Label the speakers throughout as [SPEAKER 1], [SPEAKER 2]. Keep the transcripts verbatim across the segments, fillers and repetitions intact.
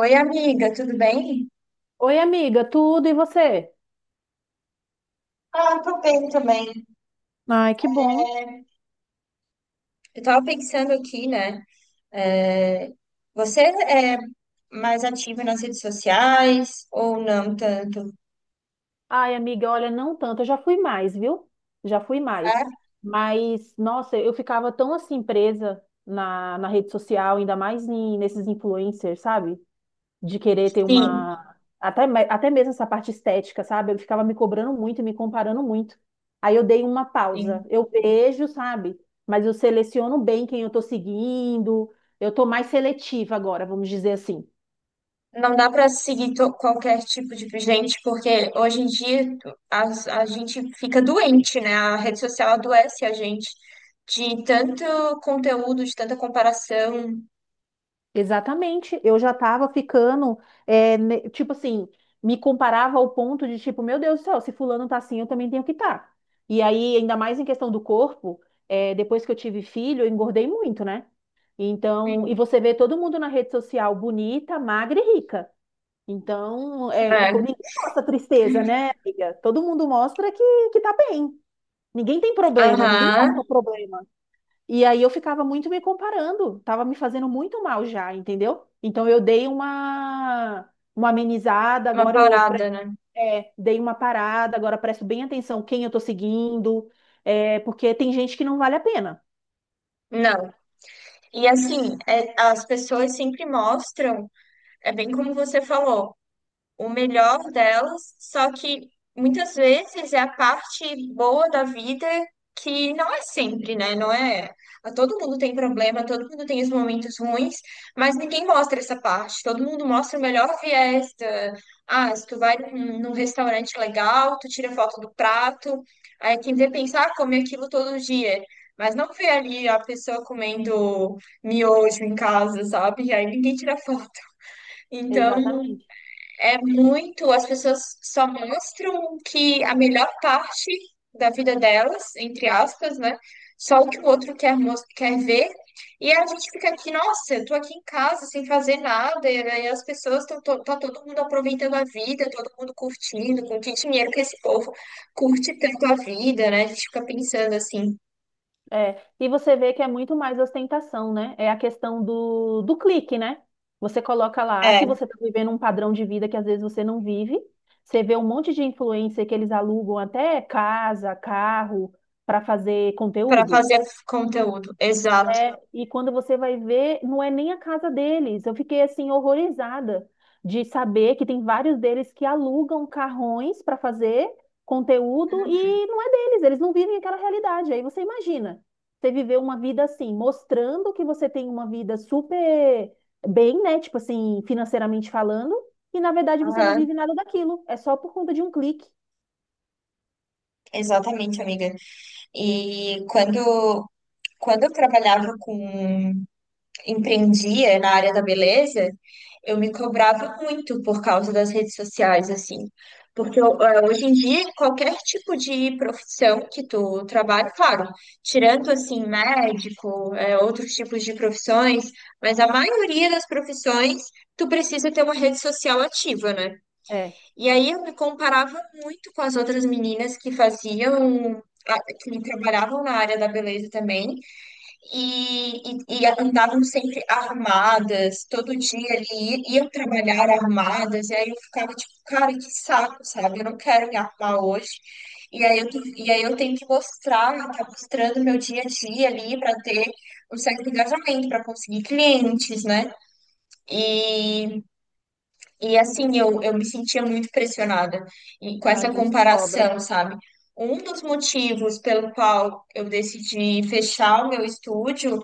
[SPEAKER 1] Oi, amiga, tudo bem?
[SPEAKER 2] Oi, amiga, tudo e você?
[SPEAKER 1] Ah, tô bem também.
[SPEAKER 2] Ai, que bom.
[SPEAKER 1] Eu tava pensando aqui, né? é, Você é mais ativa nas redes sociais ou não tanto?
[SPEAKER 2] Ai, amiga, olha, não tanto, eu já fui mais, viu? Já fui mais.
[SPEAKER 1] É?
[SPEAKER 2] Mas, nossa, eu ficava tão assim presa na, na rede social, ainda mais em- nesses influencers, sabe? De querer ter
[SPEAKER 1] Sim.
[SPEAKER 2] uma. Até, me- até mesmo essa parte estética, sabe? Eu ficava me cobrando muito e me comparando muito. Aí eu dei uma pausa.
[SPEAKER 1] Sim.
[SPEAKER 2] Eu vejo, sabe? Mas eu seleciono bem quem eu tô seguindo. Eu tô mais seletiva agora, vamos dizer assim.
[SPEAKER 1] Não dá para seguir to- qualquer tipo de gente, porque hoje em dia as- a gente fica doente, né? A rede social adoece a gente de tanto conteúdo, de tanta comparação.
[SPEAKER 2] Exatamente, eu já tava ficando, é, ne- tipo assim, me comparava ao ponto de tipo, meu Deus do céu, se fulano tá assim, eu também tenho que estar. E aí, ainda mais em questão do corpo, é, depois que eu tive filho, eu engordei muito, né? Então, e
[SPEAKER 1] Sim.
[SPEAKER 2] você vê todo mundo na rede social bonita, magra e rica. Então, é, é, co-
[SPEAKER 1] É,
[SPEAKER 2] ninguém mostra tristeza, né, amiga? Todo mundo mostra que, que tá bem. Ninguém tem problema, ninguém
[SPEAKER 1] aham,
[SPEAKER 2] mostra problema. E aí eu ficava muito me comparando, tava me fazendo muito mal já, entendeu? Então eu dei uma uma amenizada,
[SPEAKER 1] uma
[SPEAKER 2] agora eu pre-
[SPEAKER 1] parada, né?
[SPEAKER 2] é, dei uma parada, agora presto bem atenção quem eu tô seguindo, é, porque tem gente que não vale a pena.
[SPEAKER 1] Não. E assim, é, as pessoas sempre mostram, é bem como você falou o melhor delas, só que muitas vezes é a parte boa da vida que não é sempre, né? Não é. Ah, todo mundo tem problema, todo mundo tem os momentos ruins, mas ninguém mostra essa parte. Todo mundo mostra o melhor viés da- Ah, se tu vai num, num restaurante legal, tu tira foto do prato, aí quem vê pensar, ah, come aquilo todo dia. Mas não vê ali a pessoa comendo miojo em casa, sabe? Aí ninguém tira foto. Então,
[SPEAKER 2] Exatamente.
[SPEAKER 1] é muito, as pessoas só mostram que a melhor parte da vida delas, entre aspas, né? Só o que o outro quer, mos- quer ver. E a gente fica aqui, nossa, eu tô aqui em casa sem fazer nada, e aí as pessoas estão, tá todo mundo aproveitando a vida, todo mundo curtindo, com que dinheiro que esse povo curte tanto a vida, né? A gente fica pensando assim,
[SPEAKER 2] É, e você vê que é muito mais ostentação, né? É a questão do, do clique, né? Você coloca lá que
[SPEAKER 1] é,
[SPEAKER 2] você está vivendo um padrão de vida que às vezes você não vive. Você vê um monte de influencer que eles alugam até casa, carro, para fazer
[SPEAKER 1] para
[SPEAKER 2] conteúdo.
[SPEAKER 1] fazer conteúdo, exato.
[SPEAKER 2] É, e quando você vai ver, não é nem a casa deles. Eu fiquei assim horrorizada de saber que tem vários deles que alugam carrões para fazer conteúdo e não é deles, eles não vivem aquela realidade. Aí você imagina, você viver uma vida assim, mostrando que você tem uma vida super bem, né? Tipo assim, financeiramente falando, e na verdade você não
[SPEAKER 1] Aham,
[SPEAKER 2] vive nada daquilo. É só por conta de um clique.
[SPEAKER 1] exatamente, amiga. E quando Quando eu trabalhava com, empreendia na área da beleza, eu me cobrava muito por causa das redes sociais, assim. Porque eu- eh, hoje em dia, qualquer tipo de profissão que tu trabalha, claro, tirando, assim, médico, eh, outros tipos de profissões, mas a maioria das profissões, tu precisa ter uma rede social ativa, né?
[SPEAKER 2] É,
[SPEAKER 1] E aí eu me comparava muito com as outras meninas que faziam, ah, que trabalhavam na área da beleza também, e, e, e andavam sempre armadas, todo dia ali iam trabalhar armadas, e aí eu ficava tipo, cara, que saco, sabe? Eu não quero me armar hoje. E aí eu, tô- e aí eu tenho que mostrar, tá mostrando meu dia a dia ali para ter um certo engajamento, para conseguir clientes, né? E, e assim, eu, eu me sentia muito pressionada e com
[SPEAKER 2] a
[SPEAKER 1] essa
[SPEAKER 2] gente se cobra.
[SPEAKER 1] comparação, sabe? Um dos motivos pelo qual eu decidi fechar o meu estúdio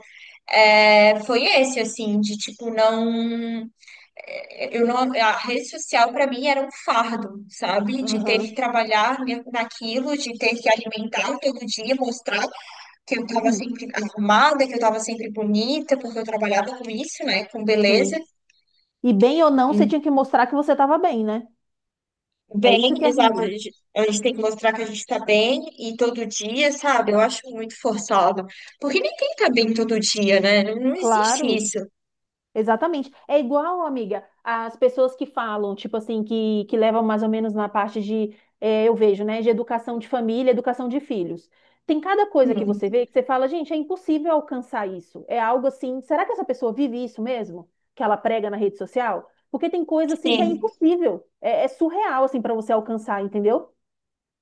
[SPEAKER 1] é, foi esse, assim, de tipo, não. Eu não, a rede social para mim era um fardo, sabe? De ter que
[SPEAKER 2] Aham.
[SPEAKER 1] trabalhar ne- naquilo, de ter que alimentar todo dia, mostrar que eu tava
[SPEAKER 2] Hum,
[SPEAKER 1] sempre arrumada, que eu tava sempre bonita, porque eu trabalhava com isso, né? Com beleza.
[SPEAKER 2] sim. E bem ou não, você tinha que mostrar que você estava bem, né? É isso
[SPEAKER 1] Bem,
[SPEAKER 2] que é
[SPEAKER 1] exato. A
[SPEAKER 2] ruim.
[SPEAKER 1] gente a gente tem que mostrar que a gente tá bem e todo dia, sabe? Eu acho muito forçado. Porque ninguém tá bem todo dia, né? Não, não existe
[SPEAKER 2] Claro,
[SPEAKER 1] isso.
[SPEAKER 2] exatamente. É igual, amiga, as pessoas que falam, tipo assim, que, que levam mais ou menos na parte de, é, eu vejo, né, de educação de família, educação de filhos. Tem cada coisa que
[SPEAKER 1] Hum,
[SPEAKER 2] você vê que você fala, gente, é impossível alcançar isso. É algo assim, será que essa pessoa vive isso mesmo? Que ela prega na rede social? Porque tem coisa assim que é
[SPEAKER 1] sim,
[SPEAKER 2] impossível, é, é surreal assim para você alcançar, entendeu?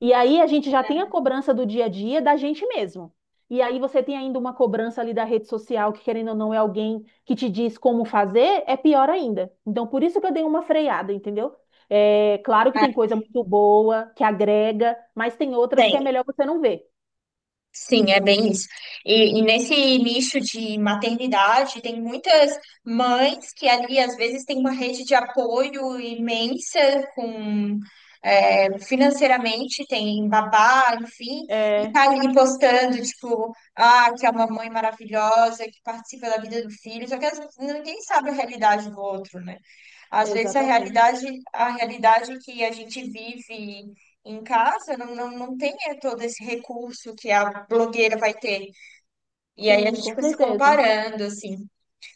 [SPEAKER 2] E aí a gente já tem a cobrança do dia a dia da gente mesmo. E aí você tem ainda uma cobrança ali da rede social, que querendo ou não é alguém que te diz como fazer, é pior ainda. Então por isso que eu dei uma freada, entendeu? É, claro que tem
[SPEAKER 1] é,
[SPEAKER 2] coisa muito boa, que agrega, mas tem outras que
[SPEAKER 1] tem.
[SPEAKER 2] é melhor você não ver.
[SPEAKER 1] Sim, é bem isso. E, e nesse nicho de maternidade, tem muitas mães que ali, às vezes, têm uma rede de apoio imensa com. É, financeiramente tem babá, enfim, e
[SPEAKER 2] É,
[SPEAKER 1] tá ali postando, tipo, ah, que é uma mãe maravilhosa, que participa da vida do filho, só que as- ninguém sabe a realidade do outro, né? Às vezes a
[SPEAKER 2] exatamente.
[SPEAKER 1] realidade, a realidade que a gente vive em casa não, não, não tem eh, todo esse recurso que a blogueira vai ter. E aí a
[SPEAKER 2] Sim,
[SPEAKER 1] gente
[SPEAKER 2] com
[SPEAKER 1] fica se
[SPEAKER 2] certeza.
[SPEAKER 1] comparando, assim.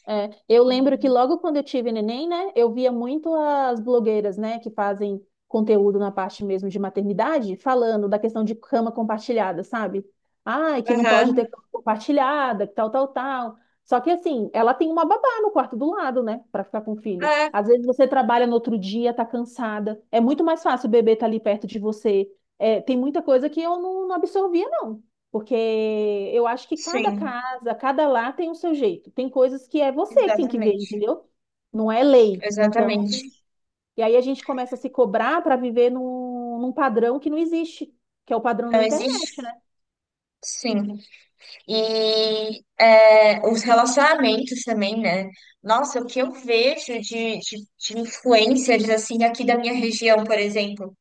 [SPEAKER 2] É, eu lembro que logo quando eu tive neném, né, eu via muito as blogueiras, né, que fazem conteúdo na parte mesmo de maternidade, falando da questão de cama compartilhada, sabe? Ai, que não pode
[SPEAKER 1] Aham.
[SPEAKER 2] ter cama compartilhada, que tal, tal, tal. Só que assim, ela tem uma babá no quarto do lado, né, para ficar com o filho.
[SPEAKER 1] É,
[SPEAKER 2] Às vezes você trabalha no outro dia, tá cansada. É muito mais fácil o bebê tá ali perto de você. É, tem muita coisa que eu não, não absorvia, não. Porque eu acho que cada
[SPEAKER 1] sim,
[SPEAKER 2] casa, cada lar tem o seu jeito. Tem coisas que é você que tem que ver,
[SPEAKER 1] exatamente.
[SPEAKER 2] entendeu? Não é lei. Então,
[SPEAKER 1] Exatamente.
[SPEAKER 2] e aí a gente começa a se cobrar para viver num, num padrão que não existe, que é o padrão da
[SPEAKER 1] Não
[SPEAKER 2] internet, né?
[SPEAKER 1] existe, sim. E é, os relacionamentos também, né? Nossa, o que eu vejo de, de, de influencers, assim, aqui da minha região, por exemplo.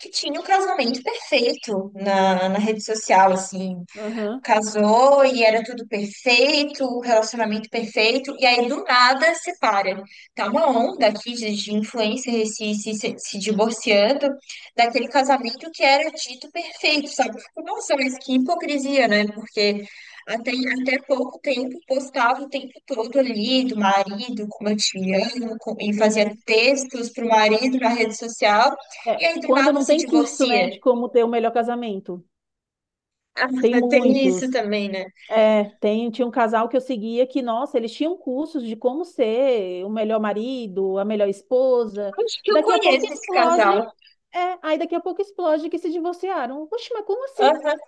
[SPEAKER 1] Que tinha o cruzamento perfeito na, na rede social, assim,
[SPEAKER 2] Aham.
[SPEAKER 1] casou e era tudo perfeito, o relacionamento perfeito, e aí do nada separa. Tá uma onda aqui de, de influencer se, se, se, se divorciando daquele casamento que era dito perfeito, sabe? Eu fico, nossa, mas que hipocrisia, né? Porque até, até pouco tempo postava o tempo todo ali do marido, como eu te amo, com- e fazia
[SPEAKER 2] Sim.
[SPEAKER 1] textos pro marido na rede social, e
[SPEAKER 2] É,
[SPEAKER 1] aí do
[SPEAKER 2] quando
[SPEAKER 1] nada
[SPEAKER 2] não
[SPEAKER 1] se
[SPEAKER 2] tem curso, né,
[SPEAKER 1] divorcia.
[SPEAKER 2] de como ter o melhor casamento.
[SPEAKER 1] Ah,
[SPEAKER 2] Tem
[SPEAKER 1] tem isso
[SPEAKER 2] muitos.
[SPEAKER 1] também, né?
[SPEAKER 2] É, tem, tinha um casal que eu seguia que, nossa, eles tinham cursos de como ser o melhor marido, a melhor esposa.
[SPEAKER 1] Acho que eu
[SPEAKER 2] Daqui a pouco
[SPEAKER 1] conheço esse
[SPEAKER 2] explode.
[SPEAKER 1] casal.
[SPEAKER 2] É, aí daqui a pouco explode que se divorciaram. Poxa, mas como assim?
[SPEAKER 1] Aham.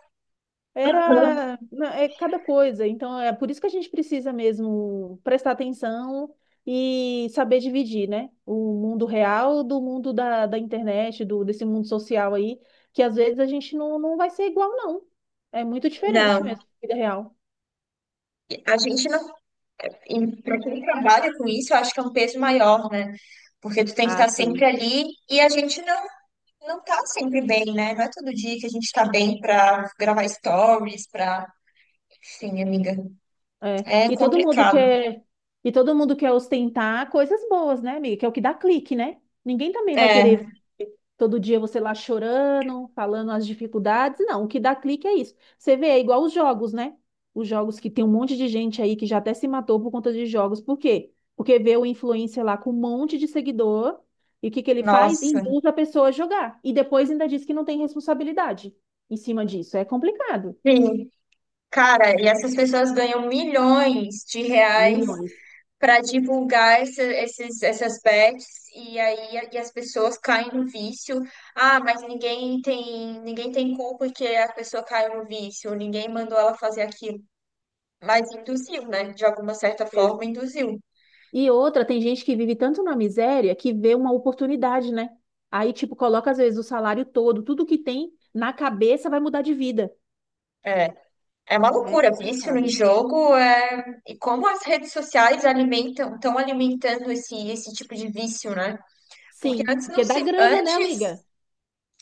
[SPEAKER 2] Era, na- é cada coisa. Então é por isso que a gente precisa mesmo prestar atenção e saber dividir, né? O mundo real do mundo da, da internet, do, desse mundo social aí, que às vezes a gente não, não vai ser igual, não. É muito diferente
[SPEAKER 1] Não,
[SPEAKER 2] mesmo, vida real.
[SPEAKER 1] a gente não. Para quem trabalha com isso, eu acho que é um peso maior, né? Porque tu tem que
[SPEAKER 2] Ah,
[SPEAKER 1] estar sempre
[SPEAKER 2] sim.
[SPEAKER 1] ali e a gente não não tá sempre bem, né? Não é todo dia que a gente tá bem pra gravar stories, pra. Enfim, amiga.
[SPEAKER 2] É.
[SPEAKER 1] É
[SPEAKER 2] E todo mundo
[SPEAKER 1] complicado.
[SPEAKER 2] quer, e todo mundo quer ostentar coisas boas, né, amiga? Que é o que dá clique, né? Ninguém também vai querer
[SPEAKER 1] É,
[SPEAKER 2] ver todo dia você lá chorando, falando as dificuldades. Não, o que dá clique é isso. Você vê, é igual os jogos, né? Os jogos que tem um monte de gente aí que já até se matou por conta de jogos. Por quê? Porque vê o influencer lá com um monte de seguidor e o que que ele faz?
[SPEAKER 1] nossa.
[SPEAKER 2] Induz a pessoa a jogar. E depois ainda diz que não tem responsabilidade em cima disso. É complicado.
[SPEAKER 1] Sim. Cara, e essas pessoas ganham milhões de reais
[SPEAKER 2] Milhões.
[SPEAKER 1] para divulgar essa- esses, essas bets e aí a- e as pessoas caem no vício. Ah, mas ninguém tem ninguém tem culpa que a pessoa caiu no vício, ninguém mandou ela fazer aquilo. Mas induziu, né? De alguma certa forma, induziu.
[SPEAKER 2] E outra, tem gente que vive tanto na miséria que vê uma oportunidade, né? Aí, tipo, coloca às vezes o salário todo, tudo que tem na cabeça vai mudar de vida.
[SPEAKER 1] É, é uma
[SPEAKER 2] É
[SPEAKER 1] loucura, vício em
[SPEAKER 2] complicado.
[SPEAKER 1] jogo é... e como as redes sociais alimentam, estão alimentando esse, esse tipo de vício, né? Porque
[SPEAKER 2] Sim,
[SPEAKER 1] antes não
[SPEAKER 2] porque dá
[SPEAKER 1] se,
[SPEAKER 2] grana, né,
[SPEAKER 1] antes
[SPEAKER 2] amiga?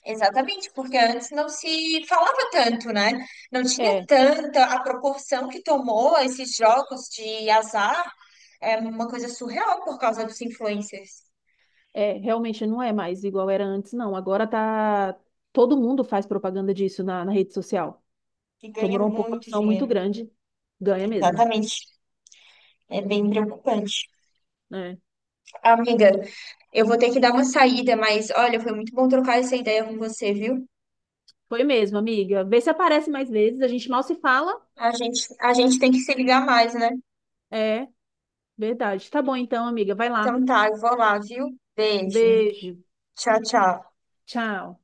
[SPEAKER 1] Exatamente, porque antes não se falava tanto, né? Não tinha
[SPEAKER 2] É,
[SPEAKER 1] tanta a proporção que tomou esses jogos de azar, é uma coisa surreal por causa dos influencers,
[SPEAKER 2] é, realmente não é mais igual era antes, não. Agora tá. Todo mundo faz propaganda disso na, na rede social.
[SPEAKER 1] que ganha
[SPEAKER 2] Tomou uma
[SPEAKER 1] muito
[SPEAKER 2] proporção muito
[SPEAKER 1] dinheiro.
[SPEAKER 2] grande. Ganha mesmo,
[SPEAKER 1] Exatamente, é bem preocupante.
[SPEAKER 2] né?
[SPEAKER 1] Amiga, eu vou ter que dar uma saída, mas olha, foi muito bom trocar essa ideia com você, viu?
[SPEAKER 2] Foi mesmo, amiga. Vê se aparece mais vezes. A gente mal se fala.
[SPEAKER 1] A gente, a gente tem que se ligar mais, né?
[SPEAKER 2] É, verdade. Tá bom então, amiga. Vai lá.
[SPEAKER 1] Então tá, eu vou lá, viu? Beijo.
[SPEAKER 2] Beijo.
[SPEAKER 1] Tchau, tchau.
[SPEAKER 2] Tchau.